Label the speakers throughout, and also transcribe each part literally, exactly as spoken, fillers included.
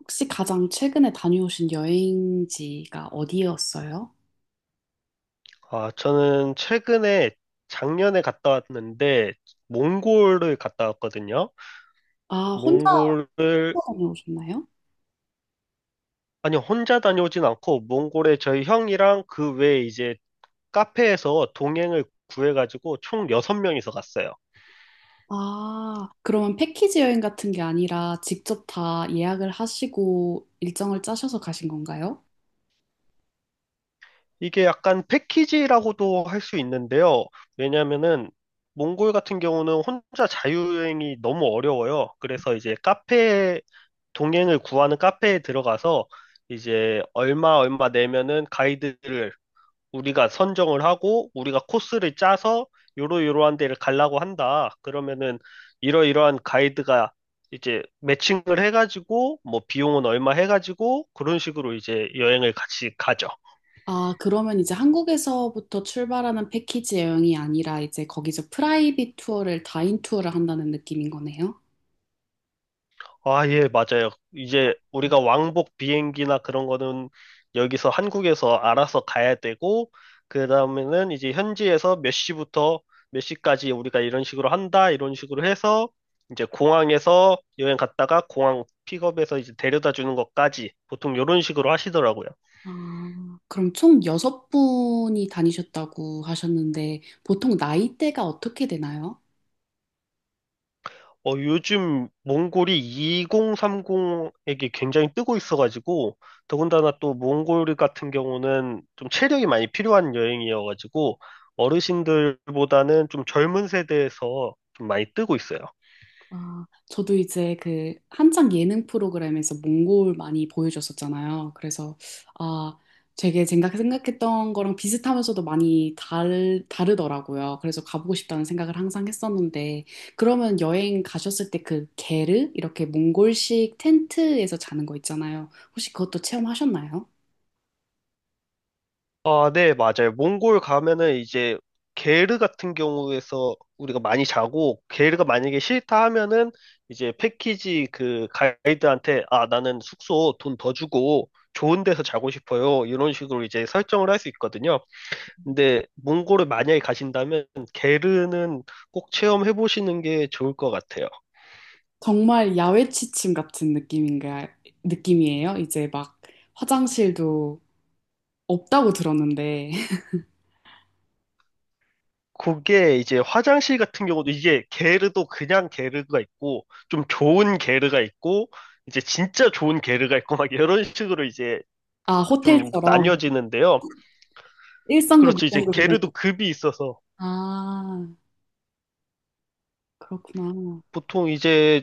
Speaker 1: 혹시 가장 최근에 다녀오신 여행지가 어디였어요?
Speaker 2: 아, 저는 최근에 작년에 갔다 왔는데 몽골을 갔다 왔거든요.
Speaker 1: 아, 혼자
Speaker 2: 몽골을
Speaker 1: 다녀오셨나요?
Speaker 2: 아니 혼자 다녀오진 않고 몽골에 저희 형이랑 그 외에 이제 카페에서 동행을 구해가지고 총 여섯 명이서 갔어요.
Speaker 1: 아, 그러면 패키지 여행 같은 게 아니라 직접 다 예약을 하시고 일정을 짜셔서 가신 건가요?
Speaker 2: 이게 약간 패키지라고도 할 수 있는데요. 왜냐면은 몽골 같은 경우는 혼자 자유여행이 너무 어려워요. 그래서 이제 카페 동행을 구하는 카페에 들어가서 이제 얼마 얼마 내면은 가이드를 우리가 선정을 하고 우리가 코스를 짜서 요로요로한 데를 가려고 한다. 그러면은 이러이러한 가이드가 이제 매칭을 해가지고 뭐 비용은 얼마 해가지고 그런 식으로 이제 여행을 같이 가죠.
Speaker 1: 아, 그러면 이제 한국에서부터 출발하는 패키지 여행이 아니라 이제 거기서 프라이빗 투어를 다인 투어를 한다는 느낌인 거네요?
Speaker 2: 아, 예, 맞아요. 이제 우리가 왕복 비행기나 그런 거는 여기서 한국에서 알아서 가야 되고, 그 다음에는 이제 현지에서 몇 시부터 몇 시까지 우리가 이런 식으로 한다, 이런 식으로 해서 이제 공항에서 여행 갔다가 공항 픽업해서 이제 데려다 주는 것까지 보통 이런 식으로 하시더라고요.
Speaker 1: 아, 그럼 총 여섯 분이 다니셨다고 하셨는데 보통 나이대가 어떻게 되나요?
Speaker 2: 어, 요즘 몽골이 이공삼공에게 굉장히 뜨고 있어가지고, 더군다나 또 몽골 같은 경우는 좀 체력이 많이 필요한 여행이어가지고, 어르신들보다는 좀 젊은 세대에서 좀 많이 뜨고 있어요.
Speaker 1: 아, 저도 이제 그 한창 예능 프로그램에서 몽골 많이 보여줬었잖아요. 그래서 아, 되게 생각, 생각했던 거랑 비슷하면서도 많이 달, 다르더라고요. 그래서 가보고 싶다는 생각을 항상 했었는데 그러면 여행 가셨을 때 그 게르 이렇게 몽골식 텐트에서 자는 거 있잖아요. 혹시 그것도 체험하셨나요?
Speaker 2: 아, 네, 맞아요. 몽골 가면은 이제 게르 같은 경우에서 우리가 많이 자고 게르가 만약에 싫다 하면은 이제 패키지 그 가이드한테 아, 나는 숙소 돈 더 주고 좋은 데서 자고 싶어요. 이런 식으로 이제 설정을 할 수 있거든요. 근데 몽골을 만약에 가신다면 게르는 꼭 체험해 보시는 게 좋을 것 같아요.
Speaker 1: 정말 야외 취침 같은 느낌인가 느낌이에요. 이제 막 화장실도 없다고 들었는데
Speaker 2: 그게 이제 화장실 같은 경우도 이게 게르도 그냥 게르가 있고 좀 좋은 게르가 있고 이제 진짜 좋은 게르가 있고 막 이런 식으로 이제
Speaker 1: 아,
Speaker 2: 좀
Speaker 1: 호텔처럼
Speaker 2: 나뉘어지는데요.
Speaker 1: 일 상급,
Speaker 2: 그렇죠. 이제
Speaker 1: 이 상급 이런 거.
Speaker 2: 게르도 급이 있어서
Speaker 1: 아, 그렇구나.
Speaker 2: 보통 이제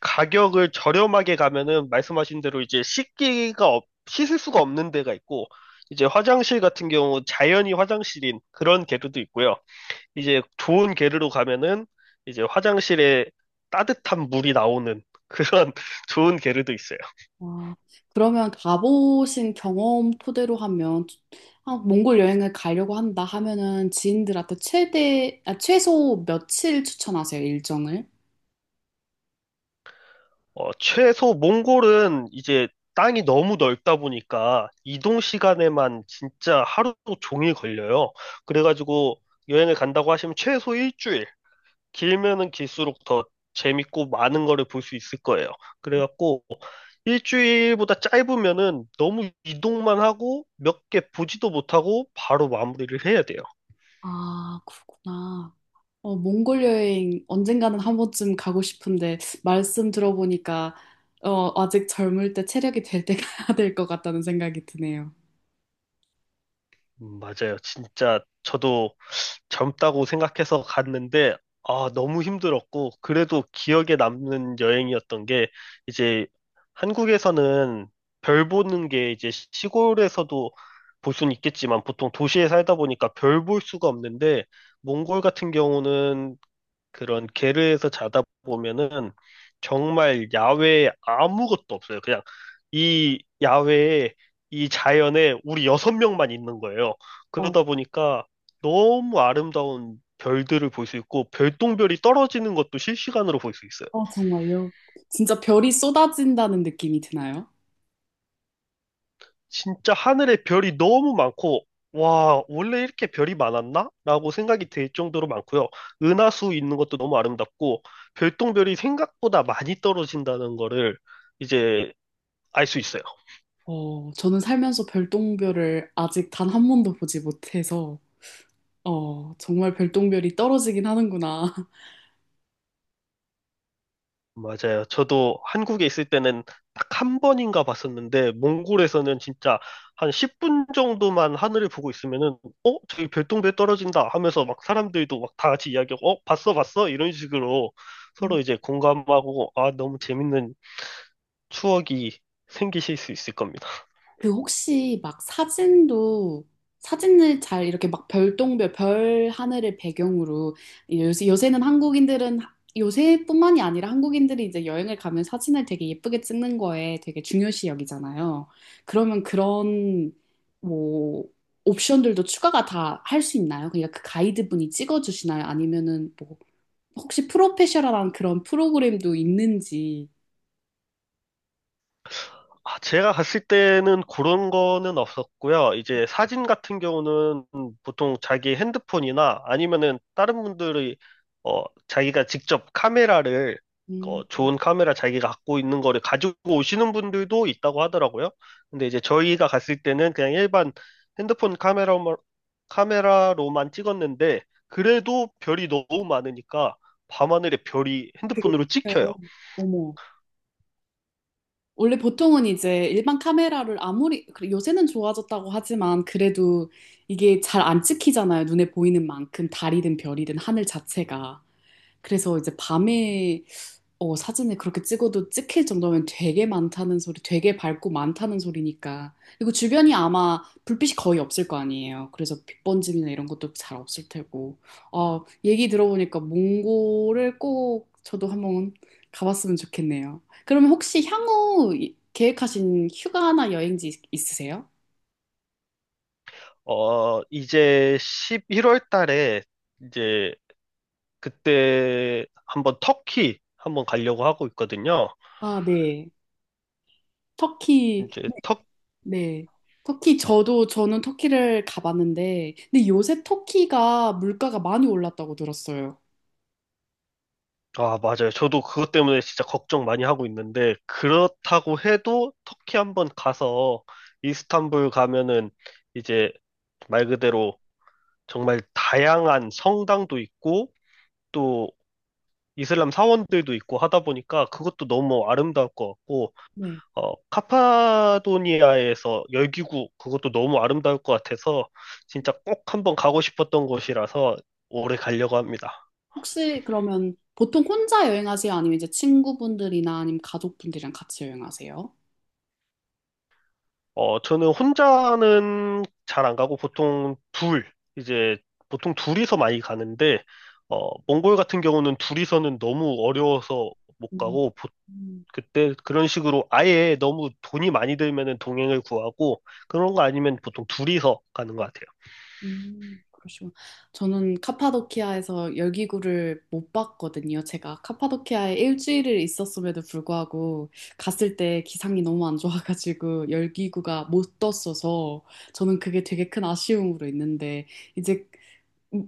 Speaker 2: 가격을 저렴하게 가면은 말씀하신 대로 이제 씻기가 없, 씻을 수가 없는 데가 있고 이제 화장실 같은 경우 자연이 화장실인 그런 게르도 있고요. 이제 좋은 게르로 가면은 이제 화장실에 따뜻한 물이 나오는 그런 좋은 게르도 있어요.
Speaker 1: 와. 그러면 가보신 경험 토대로 하면, 아, 몽골 여행을 가려고 한다 하면은 지인들한테 최대, 아, 최소 며칠 추천하세요, 일정을?
Speaker 2: 어, 최소 몽골은 이제 땅이 너무 넓다 보니까 이동 시간에만 진짜 하루 종일 걸려요. 그래가지고 여행을 간다고 하시면 최소 일주일, 길면은 길수록 더 재밌고 많은 거를 볼 수 있을 거예요. 그래갖고 일주일보다 짧으면은 너무 이동만 하고 몇 개 보지도 못하고 바로 마무리를 해야 돼요.
Speaker 1: 아, 그렇구나. 어, 몽골 여행 언젠가는 한 번쯤 가고 싶은데, 말씀 들어보니까, 어, 아직 젊을 때 체력이 될 때 가야 될 것 같다는 생각이 드네요.
Speaker 2: 음, 맞아요. 진짜 저도 젊다고 생각해서 갔는데, 아, 너무 힘들었고, 그래도 기억에 남는 여행이었던 게, 이제 한국에서는 별 보는 게 이제 시골에서도 볼 수는 있겠지만, 보통 도시에 살다 보니까 별 볼 수가 없는데, 몽골 같은 경우는 그런 게르에서 자다 보면은 정말 야외에 아무것도 없어요. 그냥 이 야외에 이 자연에 우리 여섯 명만 있는 거예요.
Speaker 1: 어,
Speaker 2: 그러다 보니까 너무 아름다운 별들을 볼 수 있고 별똥별이 떨어지는 것도 실시간으로 볼 수 있어요.
Speaker 1: 어, 정말요? 진짜 별이 쏟아진다는 느낌이 드나요?
Speaker 2: 진짜 하늘에 별이 너무 많고 와, 원래 이렇게 별이 많았나? 라고 생각이 들 정도로 많고요. 은하수 있는 것도 너무 아름답고 별똥별이 생각보다 많이 떨어진다는 거를 이제 알 수 있어요.
Speaker 1: 어, 저는 살면서 별똥별을 아직 단 한 번도 보지 못해서, 어, 정말 별똥별이 떨어지긴 하는구나.
Speaker 2: 맞아요. 저도 한국에 있을 때는 딱 한 번인가 봤었는데, 몽골에서는 진짜 한 십 분 정도만 하늘을 보고 있으면은, 어? 저기 별똥별 떨어진다 하면서 막 사람들도 막 다 같이 이야기하고, 어? 봤어, 봤어? 이런 식으로 서로 이제 공감하고, 아, 너무 재밌는 추억이 생기실 수 있을 겁니다.
Speaker 1: 그 혹시 막 사진도, 사진을 잘 이렇게 막 별똥별, 별 하늘을 배경으로, 요새, 요새는 한국인들은, 요새뿐만이 아니라 한국인들이 이제 여행을 가면 사진을 되게 예쁘게 찍는 거에 되게 중요시 여기잖아요. 그러면 그런, 뭐, 옵션들도 추가가 다 할 수 있나요? 그러니까 그 가이드분이 찍어주시나요? 아니면은 뭐 혹시 프로페셔널한 그런 프로그램도 있는지.
Speaker 2: 아, 제가 갔을 때는 그런 거는 없었고요. 이제 사진 같은 경우는 보통 자기 핸드폰이나 아니면은 다른 분들이 어, 자기가 직접 카메라를
Speaker 1: 음,
Speaker 2: 어, 좋은 카메라 자기가 갖고 있는 거를 가지고 오시는 분들도 있다고 하더라고요. 근데 이제 저희가 갔을 때는 그냥 일반 핸드폰 카메라, 카메라로만 찍었는데 그래도 별이 너무 많으니까 밤하늘에 별이 핸드폰으로
Speaker 1: 그래,
Speaker 2: 찍혀요.
Speaker 1: 어머. 원래 보통은 이제 일반 카메라를 아무리, 그래, 요새는 좋아졌다고 하지만 그래도 이게 잘 안 찍히잖아요. 눈에 보이는 만큼 달이든 별이든 하늘 자체가. 그래서 이제 밤에 어, 사진을 그렇게 찍어도 찍힐 정도면 되게 많다는 소리, 되게 밝고 많다는 소리니까. 그리고 주변이 아마 불빛이 거의 없을 거 아니에요. 그래서 빛 번짐이나 이런 것도 잘 없을 테고. 어, 얘기 들어보니까 몽골을 꼭 저도 한번 가봤으면 좋겠네요. 그러면 혹시 향후 이- 계획하신 휴가나 여행지 있- 있으세요?
Speaker 2: 어, 이제 십일월 달에 이제 그때 한번 터키 한번 가려고 하고 있거든요.
Speaker 1: 아, 네. 터키
Speaker 2: 이제 터,
Speaker 1: 네. 터키, 저도, 저는 터키를 가봤는데, 근데 요새 터키가 물가가 많이 올랐다고 들었어요.
Speaker 2: 아, 맞아요. 저도 그것 때문에 진짜 걱정 많이 하고 있는데 그렇다고 해도 터키 한번 가서 이스탄불 가면은 이제 말 그대로 정말 다양한 성당도 있고 또 이슬람 사원들도 있고 하다 보니까 그것도 너무 아름다울 것 같고
Speaker 1: 네.
Speaker 2: 어, 카파도니아에서 열기구 그것도 너무 아름다울 것 같아서 진짜 꼭 한번 가고 싶었던 곳이라서 오래 가려고 합니다.
Speaker 1: 혹시 그러면 보통 혼자 여행하세요? 아니면 이제 친구분들이나 아니면 가족분들이랑 같이 여행하세요?
Speaker 2: 어, 저는 혼자는 잘 안 가고 보통 둘, 이제 보통 둘이서 많이 가는데 어, 몽골 같은 경우는 둘이서는 너무 어려워서 못 가고 보-
Speaker 1: 음.
Speaker 2: 그때 그런 식으로 아예 너무 돈이 많이 들면은 동행을 구하고 그런 거 아니면 보통 둘이서 가는 것 같아요.
Speaker 1: 음, 그러시구나. 저는 카파도키아에서 열기구를 못 봤거든요. 제가 카파도키아에 일주일을 있었음에도 불구하고 갔을 때 기상이 너무 안 좋아가지고 열기구가 못 떴어서 저는 그게 되게 큰 아쉬움으로 있는데 이제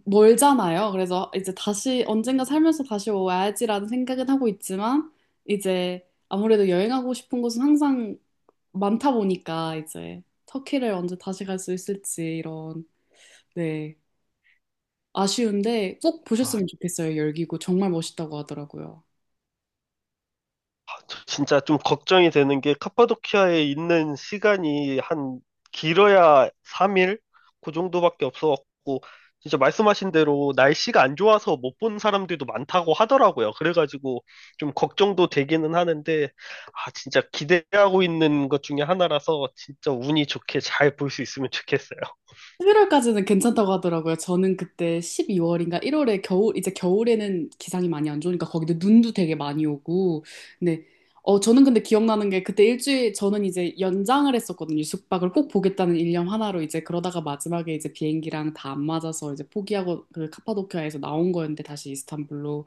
Speaker 1: 멀잖아요. 그래서 이제 다시 언젠가 살면서 다시 와야지라는 생각은 하고 있지만 이제 아무래도 여행하고 싶은 곳은 항상 많다 보니까 이제 터키를 언제 다시 갈 수 있을지 이런 네. 아쉬운데 꼭
Speaker 2: 아,
Speaker 1: 보셨으면 좋겠어요. 열기구 정말 멋있다고 하더라고요.
Speaker 2: 저 진짜 좀 걱정이 되는 게 카파도키아에 있는 시간이 한 길어야 삼 일? 그 정도밖에 없어갖고 진짜 말씀하신 대로 날씨가 안 좋아서 못 본 사람들도 많다고 하더라고요. 그래가지고 좀 걱정도 되기는 하는데 아 진짜 기대하고 있는 것 중에 하나라서 진짜 운이 좋게 잘 볼 수 있으면 좋겠어요.
Speaker 1: 십일 월까지는 괜찮다고 하더라고요. 저는 그때 십이 월인가 일 월에 겨울, 이제 겨울에는 기상이 많이 안 좋으니까 거기도 눈도 되게 많이 오고. 근데, 어, 저는 근데 기억나는 게 그때 일주일, 저는 이제 연장을 했었거든요. 숙박을 꼭 보겠다는 일념 하나로 이제 그러다가 마지막에 이제 비행기랑 다 안 맞아서 이제 포기하고 그 카파도키아에서 나온 거였는데 다시 이스탄불로.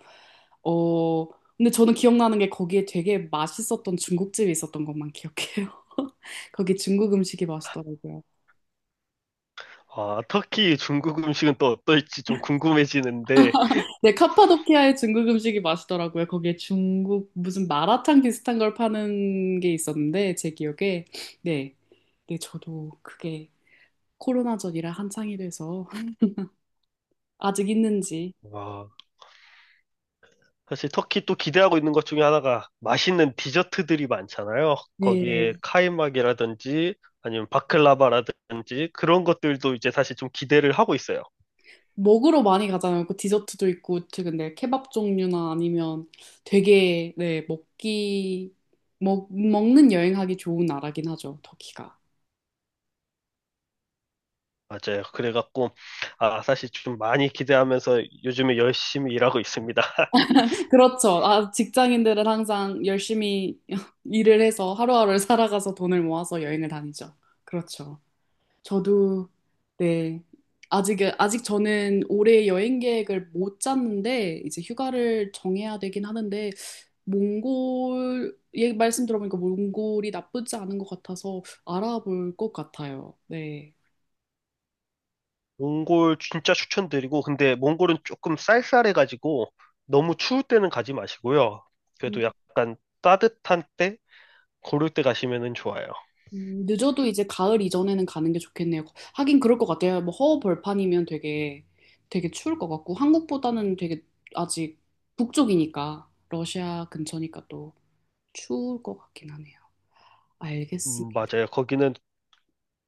Speaker 1: 어, 근데 저는 기억나는 게 거기에 되게 맛있었던 중국집이 있었던 것만 기억해요. 거기 중국 음식이 맛있더라고요.
Speaker 2: 아 터키 중국 음식은 또 어떨지 좀 궁금해지는데
Speaker 1: 네, 카파도키아의 중국 음식이 맛있더라고요. 거기에 중국 무슨 마라탕 비슷한 걸 파는 게 있었는데 제 기억에 네, 네 저도 그게 코로나 전이라 한창이 돼서 아직 있는지
Speaker 2: 와 사실 터키 또 기대하고 있는 것 중에 하나가 맛있는 디저트들이 많잖아요.
Speaker 1: 네
Speaker 2: 거기에 카이막이라든지 아니면 바클라바라든지 그런 것들도 이제 사실 좀 기대를 하고 있어요.
Speaker 1: 먹으러 많이 가잖아요. 그 디저트도 있고 최 근데 케밥 종류나 아니면 되게 네 먹기 먹 먹는 여행하기 좋은 나라긴 하죠. 터키가.
Speaker 2: 맞아요. 그래갖고 아 사실 좀 많이 기대하면서 요즘에 열심히 일하고 있습니다.
Speaker 1: 그렇죠. 아, 직장인들은 항상 열심히 일을 해서 하루하루를 살아가서 돈을 모아서 여행을 다니죠. 그렇죠. 저도, 네. 아직, 아직 저는 올해 여행 계획을 못 짰는데, 이제 휴가를 정해야 되긴 하는데, 몽골, 얘 말씀 들어보니까 몽골이 나쁘지 않은 것 같아서 알아볼 것 같아요. 네.
Speaker 2: 몽골 진짜 추천드리고 근데 몽골은 조금 쌀쌀해가지고 너무 추울 때는 가지 마시고요. 그래도 약간 따뜻한 때 고를 때 가시면은 좋아요.
Speaker 1: 음, 늦어도 이제 가을 이전에는 가는 게 좋겠네요. 하긴 그럴 것 같아요. 뭐 허허벌판이면 되게 되게 추울 것 같고 한국보다는 되게 아직 북쪽이니까 러시아 근처니까 또 추울 것 같긴 하네요.
Speaker 2: 음,
Speaker 1: 알겠습니다.
Speaker 2: 맞아요. 거기는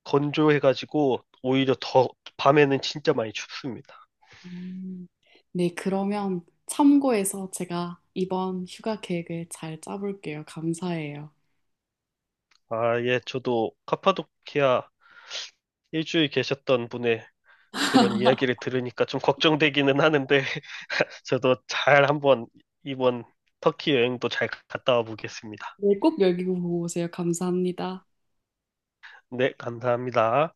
Speaker 2: 건조해가지고 오히려 더 밤에는 진짜 많이 춥습니다.
Speaker 1: 음, 네, 그러면 참고해서 제가 이번 휴가 계획을 잘 짜볼게요. 감사해요.
Speaker 2: 아, 예, 저도 카파도키아 일주일 계셨던 분의 그런 이야기를 들으니까 좀 걱정되기는 하는데 저도 잘 한번 이번 터키 여행도 잘 갔다 와 보겠습니다.
Speaker 1: 네, 꼭 여기 보고 오세요. 감사합니다.
Speaker 2: 네, 감사합니다.